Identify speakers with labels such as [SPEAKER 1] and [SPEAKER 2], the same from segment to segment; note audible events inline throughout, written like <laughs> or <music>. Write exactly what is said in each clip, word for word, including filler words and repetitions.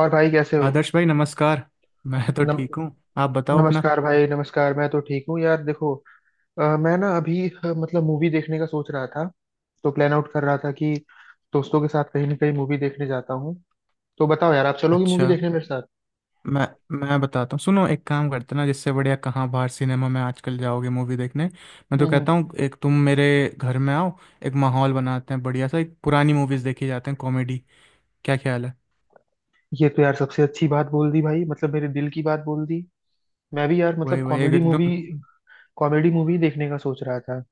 [SPEAKER 1] और भाई कैसे हो।
[SPEAKER 2] आदर्श भाई नमस्कार। मैं तो
[SPEAKER 1] नम,
[SPEAKER 2] ठीक हूँ। आप बताओ अपना।
[SPEAKER 1] नमस्कार भाई नमस्कार। मैं तो ठीक हूँ यार। देखो, अ, मैं ना अभी अ, मतलब मूवी देखने का सोच रहा था। तो प्लान आउट कर रहा था कि दोस्तों के साथ कहीं ना कहीं मूवी देखने जाता हूँ। तो बताओ यार, आप चलोगे
[SPEAKER 2] अच्छा,
[SPEAKER 1] मूवी देखने मेरे साथ?
[SPEAKER 2] मैं मैं बताता हूँ, सुनो एक काम करते ना, जिससे बढ़िया। कहाँ बाहर सिनेमा में आजकल जाओगे मूवी देखने। मैं तो
[SPEAKER 1] हम्म
[SPEAKER 2] कहता
[SPEAKER 1] हम्म।
[SPEAKER 2] हूँ एक तुम मेरे घर में आओ। एक माहौल बनाते हैं बढ़िया सा, एक पुरानी मूवीज देखी जाते हैं, कॉमेडी। क्या ख्याल है?
[SPEAKER 1] ये तो यार सबसे अच्छी बात बोल दी भाई, मतलब मेरे दिल की बात बोल दी। मैं भी यार
[SPEAKER 2] वही
[SPEAKER 1] मतलब
[SPEAKER 2] वही एक
[SPEAKER 1] कॉमेडी मूवी,
[SPEAKER 2] एकदम
[SPEAKER 1] कॉमेडी मूवी देखने का सोच रहा था।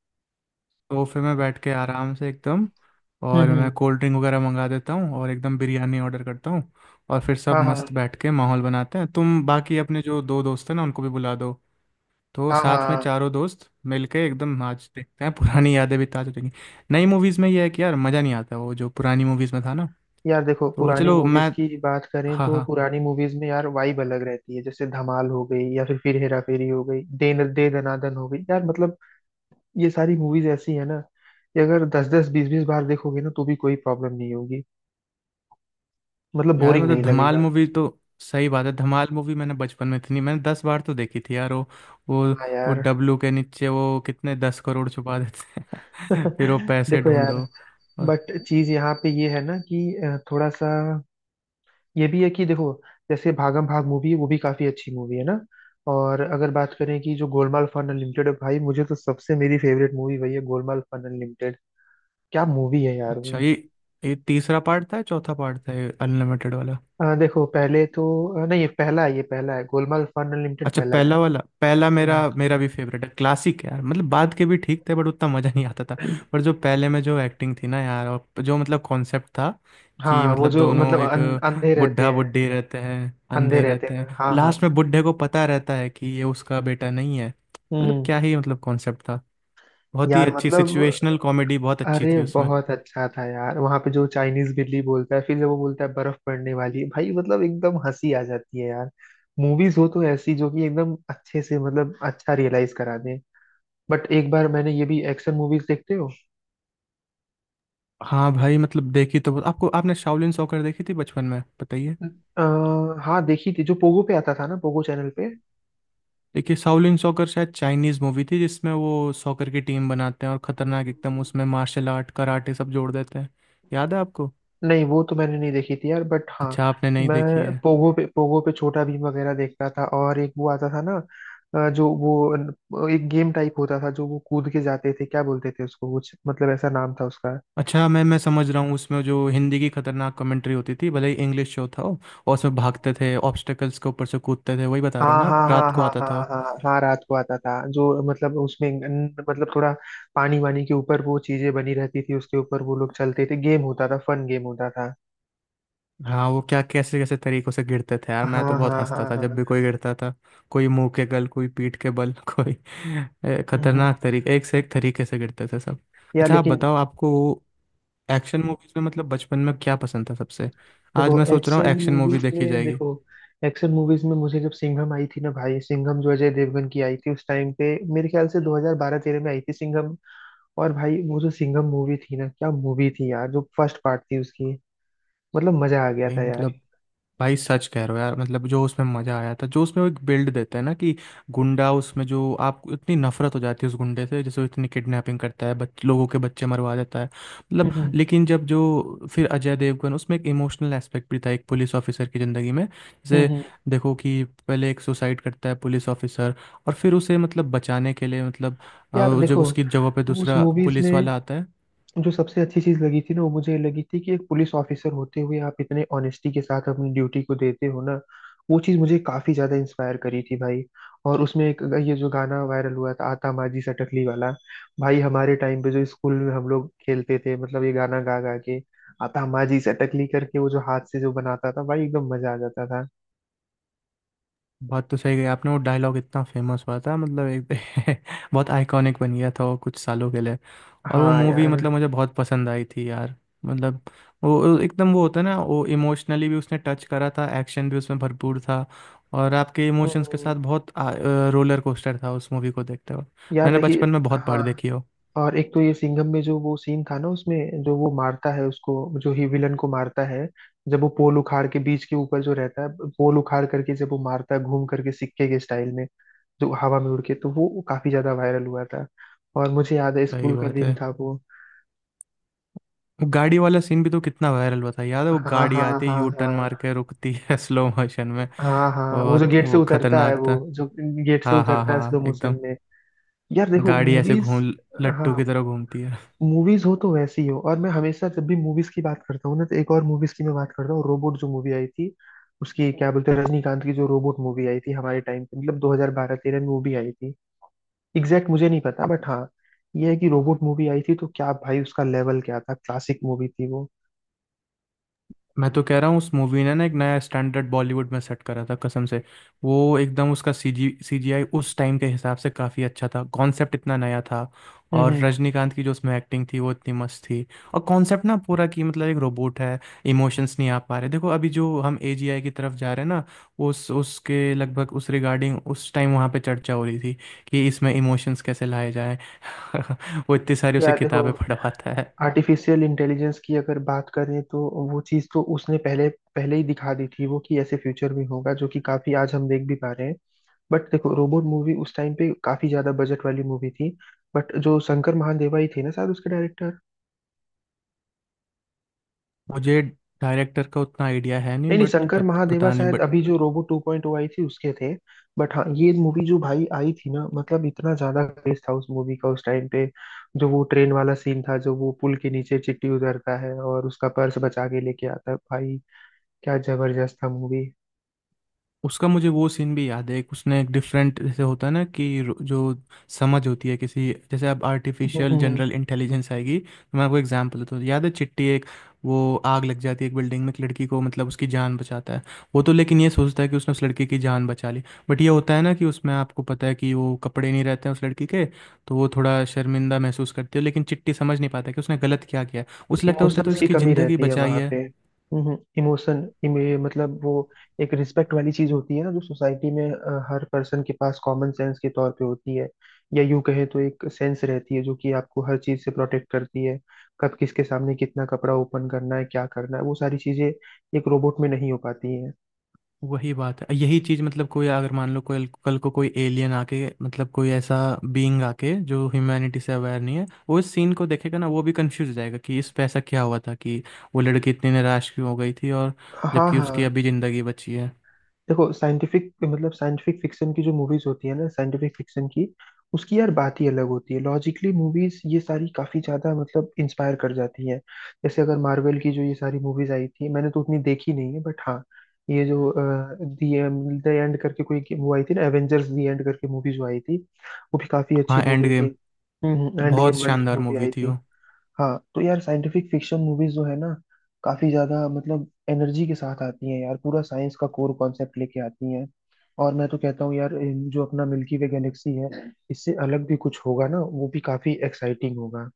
[SPEAKER 2] सोफे में बैठ के आराम से एकदम।
[SPEAKER 1] हम्म
[SPEAKER 2] और मैं
[SPEAKER 1] हम्म।
[SPEAKER 2] कोल्ड ड्रिंक वगैरह मंगा देता हूँ और एकदम बिरयानी ऑर्डर करता हूँ। और फिर सब
[SPEAKER 1] हाँ हाँ।
[SPEAKER 2] मस्त बैठ के माहौल बनाते हैं। तुम बाकी अपने जो दो दोस्त हैं ना, उनको भी बुला दो। तो
[SPEAKER 1] हाँ
[SPEAKER 2] साथ में
[SPEAKER 1] हाँ।
[SPEAKER 2] चारों दोस्त मिलके एकदम आज देखते हैं, पुरानी यादें भी ताज़ा हो जाएंगी। नई मूवीज़ में ये है कि यार मज़ा नहीं आता, वो जो पुरानी मूवीज़ में था ना।
[SPEAKER 1] यार देखो,
[SPEAKER 2] तो
[SPEAKER 1] पुरानी
[SPEAKER 2] चलो मैं,
[SPEAKER 1] मूवीज की बात करें
[SPEAKER 2] हाँ
[SPEAKER 1] तो
[SPEAKER 2] हाँ,
[SPEAKER 1] पुरानी मूवीज में यार वाइब अलग रहती है। जैसे धमाल हो गई या फिर फिर हेरा फेरी हो गई, दे न दे दनादन हो गई, यार मतलब ये सारी मूवीज ऐसी है ना कि अगर दस दस बीस बीस बार देखोगे ना तो भी कोई प्रॉब्लम नहीं होगी। मतलब
[SPEAKER 2] यार
[SPEAKER 1] बोरिंग
[SPEAKER 2] मतलब
[SPEAKER 1] नहीं
[SPEAKER 2] धमाल
[SPEAKER 1] लगेगा।
[SPEAKER 2] मूवी तो सही बात है। धमाल मूवी मैंने बचपन में इतनी, मैंने दस बार तो देखी थी यार वो। वो
[SPEAKER 1] हाँ
[SPEAKER 2] वो
[SPEAKER 1] यार।
[SPEAKER 2] डब्लू के नीचे वो कितने दस करोड़ छुपा देते हैं <laughs> फिर वो
[SPEAKER 1] <laughs>
[SPEAKER 2] पैसे
[SPEAKER 1] देखो यार,
[SPEAKER 2] ढूंढो और-।
[SPEAKER 1] बट चीज यहाँ पे ये है ना कि अ, थोड़ा सा ये भी है कि देखो, जैसे भागम भाग मूवी है, वो भी काफी अच्छी मूवी है ना। और अगर बात करें कि जो गोलमाल फन अनलिमिटेड है भाई, मुझे तो सबसे मेरी फेवरेट मूवी वही है, गोलमाल फन अनलिमिटेड। क्या मूवी है यार वो।
[SPEAKER 2] अच्छा ये ये तीसरा पार्ट था या चौथा पार्ट था ये अनलिमिटेड वाला?
[SPEAKER 1] अ, देखो पहले तो अ, नहीं, ये पहला है, ये पहला है, गोलमाल फन अनलिमिटेड
[SPEAKER 2] अच्छा
[SPEAKER 1] पहला है।
[SPEAKER 2] पहला वाला, पहला मेरा
[SPEAKER 1] हम्म।
[SPEAKER 2] मेरा भी फेवरेट है, क्लासिक है यार। मतलब बाद के भी ठीक थे बट उतना मज़ा नहीं आता था। पर जो पहले में जो एक्टिंग थी ना यार, और जो मतलब कॉन्सेप्ट था कि
[SPEAKER 1] हाँ वो
[SPEAKER 2] मतलब
[SPEAKER 1] जो
[SPEAKER 2] दोनों
[SPEAKER 1] मतलब
[SPEAKER 2] एक
[SPEAKER 1] अन, अंधे रहते
[SPEAKER 2] बुढ़ा
[SPEAKER 1] हैं,
[SPEAKER 2] बुढ़ी रहते हैं,
[SPEAKER 1] अंधे
[SPEAKER 2] अंधे
[SPEAKER 1] रहते
[SPEAKER 2] रहते हैं,
[SPEAKER 1] हैं।
[SPEAKER 2] और
[SPEAKER 1] हाँ हाँ।
[SPEAKER 2] लास्ट में बुढ़े को पता रहता है कि ये उसका बेटा नहीं है। मतलब
[SPEAKER 1] हम्म।
[SPEAKER 2] क्या ही मतलब कॉन्सेप्ट था। बहुत ही
[SPEAKER 1] यार
[SPEAKER 2] अच्छी
[SPEAKER 1] मतलब
[SPEAKER 2] सिचुएशनल कॉमेडी बहुत अच्छी
[SPEAKER 1] अरे
[SPEAKER 2] थी उसमें।
[SPEAKER 1] बहुत अच्छा था यार, वहां पे जो चाइनीज बिल्ली बोलता है, फिर जब वो बोलता है बर्फ पड़ने वाली है भाई, मतलब एकदम हंसी आ जाती है यार। मूवीज हो तो ऐसी, जो कि एकदम अच्छे से मतलब अच्छा रियलाइज करा दें। बट एक बार मैंने ये भी, एक्शन मूवीज देखते हो?
[SPEAKER 2] हाँ भाई, मतलब देखी तो, आपको आपने शाओलिन सॉकर देखी थी बचपन में, बताइए।
[SPEAKER 1] आ, हाँ देखी थी, जो पोगो पे आता था ना, पोगो चैनल पे।
[SPEAKER 2] देखिए शाओलिन सॉकर शायद चाइनीज मूवी थी, जिसमें वो सॉकर की टीम बनाते हैं और खतरनाक, एकदम उसमें मार्शल आर्ट कराटे सब जोड़ देते हैं। याद है आपको?
[SPEAKER 1] नहीं, वो तो मैंने नहीं देखी थी यार, बट हाँ,
[SPEAKER 2] अच्छा, आपने नहीं देखी
[SPEAKER 1] मैं
[SPEAKER 2] है।
[SPEAKER 1] पोगो पे पोगो पे छोटा भीम वगैरह देखता था, और एक वो आता था ना अ, जो वो न- एक गेम टाइप होता था, जो वो कूद के जाते थे, क्या बोलते थे उसको कुछ, मतलब ऐसा नाम था उसका।
[SPEAKER 2] अच्छा, मैं मैं समझ रहा हूँ, उसमें जो हिंदी की खतरनाक कमेंट्री होती थी भले ही इंग्लिश शो था वो। और उसमें भागते थे, ऑब्स्टेकल्स के ऊपर से कूदते थे, वही बता रहे हो
[SPEAKER 1] हाँ
[SPEAKER 2] ना
[SPEAKER 1] हाँ
[SPEAKER 2] आप,
[SPEAKER 1] हाँ
[SPEAKER 2] रात को
[SPEAKER 1] हाँ
[SPEAKER 2] आता
[SPEAKER 1] हाँ
[SPEAKER 2] था वो।
[SPEAKER 1] हाँ हाँ हाँ, रात को आता था जो, मतलब उसमें न- मतलब थोड़ा पानी वानी के ऊपर वो चीजें बनी रहती थी, उसके ऊपर वो लोग चलते थे, गेम होता था, फन गेम होता था।
[SPEAKER 2] हाँ, वो क्या कैसे कैसे तरीकों से गिरते थे यार, मैं तो
[SPEAKER 1] हाँ
[SPEAKER 2] बहुत
[SPEAKER 1] हाँ हाँ
[SPEAKER 2] हंसता था जब
[SPEAKER 1] हाँ।
[SPEAKER 2] भी कोई गिरता था। कोई मुंह के बल, कोई पीठ के बल <laughs> कोई ए,
[SPEAKER 1] हम्म हम्म।
[SPEAKER 2] खतरनाक तरीके, एक से एक तरीके से गिरते थे सब।
[SPEAKER 1] यार
[SPEAKER 2] अच्छा आप
[SPEAKER 1] लेकिन,
[SPEAKER 2] बताओ, आपको एक्शन मूवीज में मतलब बचपन में क्या पसंद था सबसे? आज
[SPEAKER 1] देखो
[SPEAKER 2] मैं सोच रहा हूँ
[SPEAKER 1] एक्शन
[SPEAKER 2] एक्शन मूवी
[SPEAKER 1] मूवीज
[SPEAKER 2] देखी
[SPEAKER 1] में,
[SPEAKER 2] जाएगी।
[SPEAKER 1] देखो एक्शन मूवीज में मुझे जब सिंघम आई थी ना भाई, सिंघम जो अजय देवगन की आई थी, उस टाइम पे मेरे ख्याल से दो हज़ार बारह-तेरह में आई थी सिंघम। और भाई वो जो सिंघम मूवी थी ना, क्या मूवी थी यार, जो फर्स्ट पार्ट थी उसकी, मतलब मजा आ गया
[SPEAKER 2] भाई
[SPEAKER 1] था यार।
[SPEAKER 2] मतलब, भाई सच कह रहे हो यार। मतलब जो उसमें मज़ा आया था, जो उसमें वो एक बिल्ड देते हैं ना कि गुंडा उसमें, जो आपको इतनी नफरत हो जाती है उस गुंडे से, जैसे वो इतनी किडनैपिंग करता है, बच, लोगों के बच्चे मरवा देता है मतलब।
[SPEAKER 1] हम्म
[SPEAKER 2] लेकिन जब जो फिर अजय देवगन, उसमें एक इमोशनल एस्पेक्ट भी था एक पुलिस ऑफिसर की ज़िंदगी में।
[SPEAKER 1] हम्म।
[SPEAKER 2] जैसे
[SPEAKER 1] हम्म।
[SPEAKER 2] देखो कि पहले एक सुसाइड करता है पुलिस ऑफिसर, और फिर उसे मतलब बचाने के लिए मतलब
[SPEAKER 1] यार
[SPEAKER 2] अ, जब
[SPEAKER 1] देखो,
[SPEAKER 2] उसकी जगह पे
[SPEAKER 1] उस
[SPEAKER 2] दूसरा
[SPEAKER 1] मूवीज
[SPEAKER 2] पुलिस
[SPEAKER 1] में
[SPEAKER 2] वाला आता है।
[SPEAKER 1] जो सबसे अच्छी चीज लगी थी ना, वो मुझे ये लगी थी कि एक पुलिस ऑफिसर होते हुए आप इतने ऑनेस्टी के साथ अपनी ड्यूटी को देते हो ना, वो चीज मुझे काफी ज्यादा इंस्पायर करी थी भाई। और उसमें एक ये जो गाना वायरल हुआ था, आता माझी सटकली वाला, भाई हमारे टाइम पे जो स्कूल में हम लोग खेलते थे, मतलब ये गाना गा गा के आता माझी सटकली करके, वो जो हाथ से जो बनाता था भाई, एकदम मजा आ जाता था।
[SPEAKER 2] बात तो सही है आपने, वो डायलॉग इतना फेमस हुआ था मतलब एक <laughs> बहुत आइकॉनिक बन गया था वो कुछ सालों के लिए। और वो
[SPEAKER 1] हाँ
[SPEAKER 2] मूवी
[SPEAKER 1] यार।
[SPEAKER 2] मतलब मुझे बहुत पसंद आई थी यार। मतलब वो वो एकदम, वो होता है ना, वो इमोशनली भी उसने टच करा था, एक्शन भी उसमें भरपूर था। और आपके इमोशंस के
[SPEAKER 1] हम्म।
[SPEAKER 2] साथ बहुत आ, रोलर कोस्टर था उस मूवी को देखते वक्त।
[SPEAKER 1] यार
[SPEAKER 2] मैंने
[SPEAKER 1] देखिए,
[SPEAKER 2] बचपन में बहुत बार
[SPEAKER 1] हाँ
[SPEAKER 2] देखी हो।
[SPEAKER 1] और एक तो ये सिंघम में जो वो सीन था ना, उसमें जो वो मारता है उसको, जो ही विलन को मारता है, जब वो पोल उखाड़ के बीच के ऊपर जो रहता है, पोल उखाड़ करके जब वो मारता है घूम करके, सिक्के के स्टाइल में जो हवा में उड़ के, तो वो काफी ज्यादा वायरल हुआ था। और मुझे याद है,
[SPEAKER 2] सही
[SPEAKER 1] स्कूल का
[SPEAKER 2] बात है,
[SPEAKER 1] दिन था वो।
[SPEAKER 2] वो गाड़ी वाला सीन भी तो कितना वायरल हुआ था, याद है वो
[SPEAKER 1] हाँ
[SPEAKER 2] गाड़ी
[SPEAKER 1] हाँ
[SPEAKER 2] आती है
[SPEAKER 1] हाँ
[SPEAKER 2] यू टर्न मार
[SPEAKER 1] हाँ
[SPEAKER 2] के रुकती है <laughs> स्लो मोशन में।
[SPEAKER 1] हाँ। हाँ वो जो
[SPEAKER 2] बहुत
[SPEAKER 1] गेट से
[SPEAKER 2] वो
[SPEAKER 1] उतरता है,
[SPEAKER 2] खतरनाक
[SPEAKER 1] वो
[SPEAKER 2] था।
[SPEAKER 1] जो गेट से
[SPEAKER 2] हाँ हाँ
[SPEAKER 1] उतरता है
[SPEAKER 2] हाँ
[SPEAKER 1] स्लो
[SPEAKER 2] एकदम,
[SPEAKER 1] मोशन में। यार देखो
[SPEAKER 2] गाड़ी ऐसे
[SPEAKER 1] मूवीज,
[SPEAKER 2] घूम
[SPEAKER 1] हाँ,
[SPEAKER 2] लट्टू की तरह घूमती है।
[SPEAKER 1] मूवीज हो तो वैसी हो। और मैं हमेशा जब भी मूवीज की बात करता हूँ ना, तो एक और मूवीज की मैं बात करता हूँ, रोबोट जो मूवी आई थी, उसकी क्या बोलते हैं, रजनीकांत की जो रोबोट मूवी आई थी हमारे टाइम पे, मतलब दो हज़ार बारह-तेरह में वो भी आई थी। एग्जैक्ट मुझे नहीं पता, बट हाँ, ये है कि रोबोट मूवी आई थी तो क्या भाई, उसका लेवल क्या था, क्लासिक मूवी थी वो।
[SPEAKER 2] मैं तो कह रहा हूँ उस मूवी ने ना एक नया स्टैंडर्ड बॉलीवुड में सेट करा था कसम से। वो एकदम उसका सीजी सीजीआई उस टाइम के हिसाब से काफ़ी अच्छा था, कॉन्सेप्ट इतना नया था।
[SPEAKER 1] हम्म
[SPEAKER 2] और
[SPEAKER 1] हम्म।
[SPEAKER 2] रजनीकांत की जो उसमें एक्टिंग थी वो इतनी मस्त थी। और कॉन्सेप्ट ना पूरा कि मतलब एक रोबोट है, इमोशंस नहीं आ पा रहे। देखो अभी जो हम एजीआई की तरफ जा रहे हैं ना, उस उसके लगभग उस रिगार्डिंग उस टाइम वहाँ पे चर्चा हो रही थी कि इसमें इमोशंस कैसे लाए जाएं। <laughs> वो इतनी सारी उसे
[SPEAKER 1] यार देखो,
[SPEAKER 2] किताबें पढ़वाता है।
[SPEAKER 1] आर्टिफिशियल इंटेलिजेंस की अगर बात करें तो वो चीज़ तो उसने पहले, पहले ही दिखा दी थी, वो कि ऐसे फ्यूचर में होगा जो कि काफी आज हम देख भी पा रहे हैं। बट देखो, रोबोट मूवी उस टाइम पे काफी ज्यादा बजट वाली मूवी थी। बट जो शंकर महादेवा ही थे ना शायद, उसके डायरेक्टर।
[SPEAKER 2] मुझे डायरेक्टर का उतना आइडिया है नहीं
[SPEAKER 1] नहीं नहीं,
[SPEAKER 2] बट
[SPEAKER 1] शंकर
[SPEAKER 2] पत,
[SPEAKER 1] महादेवा
[SPEAKER 2] पता नहीं
[SPEAKER 1] शायद
[SPEAKER 2] बट
[SPEAKER 1] अभी जो रोबो टू पॉइंट ओ आई थी, उसके थे। बट हाँ, ये मूवी जो भाई आई थी ना, मतलब इतना ज्यादा क्रेज था उस मूवी का उस टाइम पे। जो वो ट्रेन वाला सीन था, जो वो पुल के नीचे चिट्टी उतरता है और उसका पर्स बचा के लेके आता है भाई, क्या जबरदस्त था मूवी।
[SPEAKER 2] उसका मुझे वो सीन भी याद है। एक उसने एक डिफरेंट, जैसे होता है ना कि रो- जो समझ होती है किसी, जैसे अब आर्टिफिशियल जनरल इंटेलिजेंस आएगी, तो मैं आपको एग्जांपल देता हूँ। याद है चिट्टी एक, वो आग लग जाती है एक बिल्डिंग में, एक लड़की को मतलब उसकी जान बचाता है। वो तो लेकिन ये सोचता है कि उसने उस लड़की की जान बचा ली। बट ये होता है ना कि उसमें आपको पता है कि वो कपड़े नहीं रहते हैं उस लड़की के। तो वो थोड़ा शर्मिंदा महसूस करती है, लेकिन चिट्टी समझ नहीं पाता कि उसने गलत क्या किया है। उसे लगता है उसने तो
[SPEAKER 1] इमोशंस की
[SPEAKER 2] इसकी
[SPEAKER 1] कमी
[SPEAKER 2] ज़िंदगी
[SPEAKER 1] रहती है
[SPEAKER 2] बचाई
[SPEAKER 1] वहां
[SPEAKER 2] है।
[SPEAKER 1] पे। हम्म, इमोशन इमे, मतलब वो एक रिस्पेक्ट वाली चीज होती है ना, जो सोसाइटी में अ, हर पर्सन के पास कॉमन सेंस के तौर पे होती है। या यूं कहें तो एक सेंस रहती है जो कि आपको हर चीज से प्रोटेक्ट करती है। कब किसके सामने कितना कपड़ा ओपन करना है, क्या करना है, वो सारी चीजें एक रोबोट में नहीं हो पाती हैं।
[SPEAKER 2] वही बात है, यही चीज मतलब कोई, अगर मान लो कोई कल को कोई एलियन आके, मतलब कोई ऐसा बीइंग आके जो ह्यूमैनिटी से अवेयर नहीं है, वो इस सीन को देखेगा ना, वो भी कंफ्यूज हो जाएगा कि इस पैसा क्या हुआ था, कि वो लड़की इतनी निराश क्यों हो गई थी और
[SPEAKER 1] हाँ
[SPEAKER 2] जबकि
[SPEAKER 1] हाँ।
[SPEAKER 2] उसकी अभी जिंदगी बची है।
[SPEAKER 1] देखो साइंटिफिक, मतलब साइंटिफिक फिक्शन की जो मूवीज होती है ना, साइंटिफिक फिक्शन की, उसकी यार बात ही अलग होती है। लॉजिकली मूवीज ये सारी काफी ज्यादा मतलब इंस्पायर कर जाती हैं। जैसे अगर मार्वल की जो ये सारी मूवीज आई थी, मैंने तो उतनी देखी नहीं है बट हाँ, ये जो दी द एंड करके कोई वो आई थी ना, एवेंजर्स दी एंड करके मूवी जो आई थी, वो भी काफी अच्छी
[SPEAKER 2] हाँ, एंड
[SPEAKER 1] मूवी थी।
[SPEAKER 2] गेम,
[SPEAKER 1] हम्म, एंड
[SPEAKER 2] बहुत
[SPEAKER 1] गेम वाली जो
[SPEAKER 2] शानदार
[SPEAKER 1] मूवी
[SPEAKER 2] मूवी
[SPEAKER 1] आई
[SPEAKER 2] थी वो।
[SPEAKER 1] थी। हाँ तो यार, साइंटिफिक फिक्शन मूवीज जो है ना, काफी ज्यादा मतलब एनर्जी के साथ आती हैं यार, पूरा साइंस का कोर कॉन्सेप्ट लेके आती हैं। और मैं तो कहता हूँ यार, इन- जो अपना मिल्की वे गैलेक्सी है, इससे अलग भी कुछ होगा ना, वो भी काफी एक्साइटिंग होगा।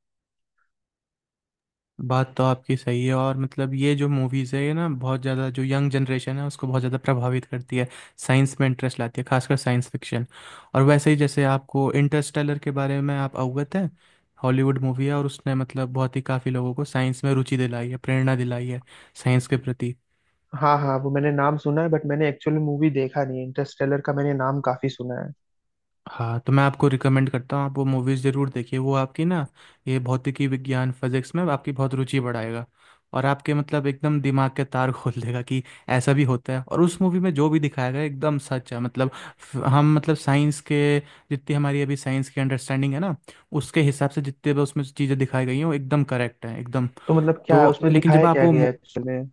[SPEAKER 2] बात तो आपकी सही है, और मतलब ये जो मूवीज़ है ये ना बहुत ज़्यादा, जो यंग जनरेशन है उसको बहुत ज़्यादा प्रभावित करती है। साइंस में इंटरेस्ट लाती है, खासकर साइंस फिक्शन। और वैसे ही जैसे आपको इंटरस्टेलर के बारे में, आप अवगत हैं। हॉलीवुड मूवी है और उसने मतलब बहुत ही, काफ़ी लोगों को साइंस में रुचि दिलाई है, प्रेरणा दिलाई है साइंस के प्रति।
[SPEAKER 1] हाँ हाँ, वो मैंने नाम सुना है, बट मैंने एक्चुअली मूवी देखा नहीं है। इंटरस्टेलर का मैंने नाम काफी सुना है।
[SPEAKER 2] हाँ, तो मैं आपको रिकमेंड करता हूँ, आप वो मूवीज़ ज़रूर देखिए। वो आपकी ना ये भौतिकी विज्ञान, फिजिक्स में आपकी बहुत रुचि बढ़ाएगा। और आपके मतलब एकदम दिमाग के तार <laughs> खोल देगा कि ऐसा भी होता है। और उस मूवी में जो भी दिखाया गया है, एकदम सच है। मतलब फ- हम मतलब साइंस के, जितनी हमारी अभी साइंस की अंडरस्टैंडिंग है ना, उसके हिसाब से जितने भी उसमें चीज़ें दिखाई गई हैं वो एकदम करेक्ट है, एकदम।
[SPEAKER 1] तो मतलब क्या है,
[SPEAKER 2] तो
[SPEAKER 1] उसमें
[SPEAKER 2] लेकिन जब
[SPEAKER 1] दिखाया
[SPEAKER 2] आप
[SPEAKER 1] क्या
[SPEAKER 2] वो,
[SPEAKER 1] गया है एक्चुअली में?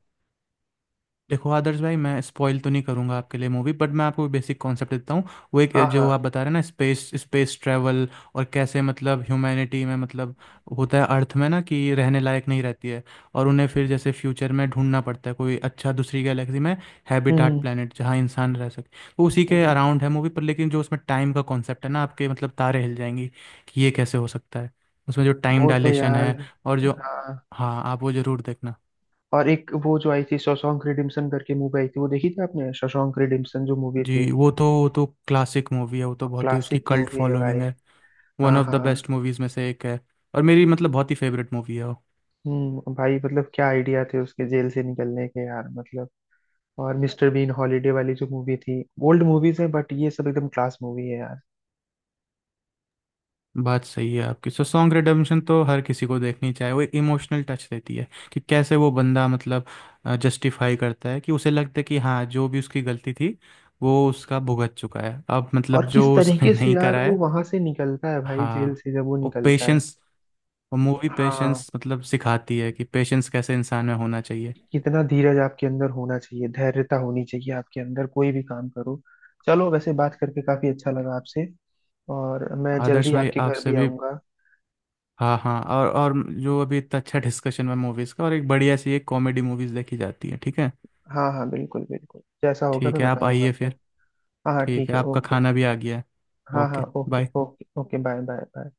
[SPEAKER 2] देखो आदर्श भाई मैं स्पॉइल तो नहीं करूंगा आपके लिए मूवी, बट मैं आपको बेसिक कॉन्सेप्ट देता हूँ। वो एक
[SPEAKER 1] हाँ
[SPEAKER 2] जो
[SPEAKER 1] हाँ।
[SPEAKER 2] आप बता रहे हैं ना, स्पेस स्पेस ट्रैवल, और कैसे मतलब ह्यूमैनिटी में मतलब होता है, अर्थ में ना कि रहने लायक नहीं रहती है। और उन्हें फिर जैसे फ्यूचर में ढूंढना पड़ता है कोई अच्छा दूसरी गैलेक्सी में हैबिटाट
[SPEAKER 1] हम्म
[SPEAKER 2] प्लानट, जहाँ इंसान रह सके। वो उसी
[SPEAKER 1] हम्म,
[SPEAKER 2] के
[SPEAKER 1] हम्म।
[SPEAKER 2] अराउंड है मूवी। पर लेकिन जो उसमें टाइम का कॉन्सेप्ट है ना, आपके मतलब तारे हिल जाएंगी कि ये कैसे हो सकता है। उसमें जो टाइम
[SPEAKER 1] वो तो
[SPEAKER 2] डायलेशन
[SPEAKER 1] यार,
[SPEAKER 2] है, और जो,
[SPEAKER 1] हाँ।
[SPEAKER 2] हाँ आप वो ज़रूर देखना।
[SPEAKER 1] और एक वो जो आई थी, शॉशैंक रिडेम्पशन करके मूवी आई थी, वो देखी थी आपने, शॉशैंक रिडेम्पशन जो मूवी थी?
[SPEAKER 2] जी वो तो, वो तो क्लासिक मूवी है, वो तो बहुत ही उसकी
[SPEAKER 1] क्लासिक
[SPEAKER 2] कल्ट
[SPEAKER 1] मूवी है भाई।
[SPEAKER 2] फॉलोइंग है। वन
[SPEAKER 1] हाँ
[SPEAKER 2] ऑफ द
[SPEAKER 1] हाँ।
[SPEAKER 2] बेस्ट मूवीज में से एक है। और मेरी मतलब बहुत ही फेवरेट मूवी है वो।
[SPEAKER 1] हम्म, भाई मतलब क्या आइडिया थे उसके जेल से निकलने के यार, मतलब। और मिस्टर बीन हॉलीडे वाली जो मूवी थी, ओल्ड मूवीज हैं बट ये सब एकदम क्लास मूवी है यार।
[SPEAKER 2] बात सही है आपकी, सो सॉन्ग रिडेम्पशन तो हर किसी को देखनी चाहिए, वो एक इमोशनल टच देती है कि कैसे वो बंदा मतलब जस्टिफाई करता है, कि उसे लगता है कि हाँ जो भी उसकी गलती थी वो उसका भुगत चुका है अब, मतलब
[SPEAKER 1] और
[SPEAKER 2] जो
[SPEAKER 1] किस
[SPEAKER 2] उसने <laughs>
[SPEAKER 1] तरीके से
[SPEAKER 2] नहीं
[SPEAKER 1] यार
[SPEAKER 2] करा
[SPEAKER 1] वो
[SPEAKER 2] है।
[SPEAKER 1] वहां से निकलता है भाई, जेल
[SPEAKER 2] हाँ,
[SPEAKER 1] से जब वो
[SPEAKER 2] वो
[SPEAKER 1] निकलता है।
[SPEAKER 2] पेशेंस, वो मूवी
[SPEAKER 1] हाँ।
[SPEAKER 2] पेशेंस मतलब सिखाती है कि पेशेंस कैसे इंसान में होना चाहिए।
[SPEAKER 1] कितना धीरज आपके अंदर होना चाहिए, धैर्यता होनी चाहिए आपके अंदर, कोई भी काम करो। चलो, वैसे बात करके काफी अच्छा लगा आपसे। और मैं जल्दी,
[SPEAKER 2] आदर्श
[SPEAKER 1] हम्म।
[SPEAKER 2] भाई
[SPEAKER 1] आपके घर
[SPEAKER 2] आपसे
[SPEAKER 1] भी
[SPEAKER 2] भी,
[SPEAKER 1] आऊँगा।
[SPEAKER 2] हाँ हाँ, और और जो अभी इतना अच्छा डिस्कशन है मूवीज़ का, और एक बढ़िया सी एक कॉमेडी मूवीज़ देखी जाती है, ठीक है।
[SPEAKER 1] हाँ हाँ बिल्कुल, बिल्कुल जैसा होगा
[SPEAKER 2] ठीक
[SPEAKER 1] मैं
[SPEAKER 2] है, आप
[SPEAKER 1] बताऊँगा
[SPEAKER 2] आइए
[SPEAKER 1] आपको।
[SPEAKER 2] फिर।
[SPEAKER 1] हाँ हाँ
[SPEAKER 2] ठीक
[SPEAKER 1] ठीक
[SPEAKER 2] है,
[SPEAKER 1] है,
[SPEAKER 2] आपका
[SPEAKER 1] ओके।
[SPEAKER 2] खाना भी आ गया है।
[SPEAKER 1] हाँ हाँ
[SPEAKER 2] okay
[SPEAKER 1] okay
[SPEAKER 2] bye.
[SPEAKER 1] Okay okay, bye bye bye.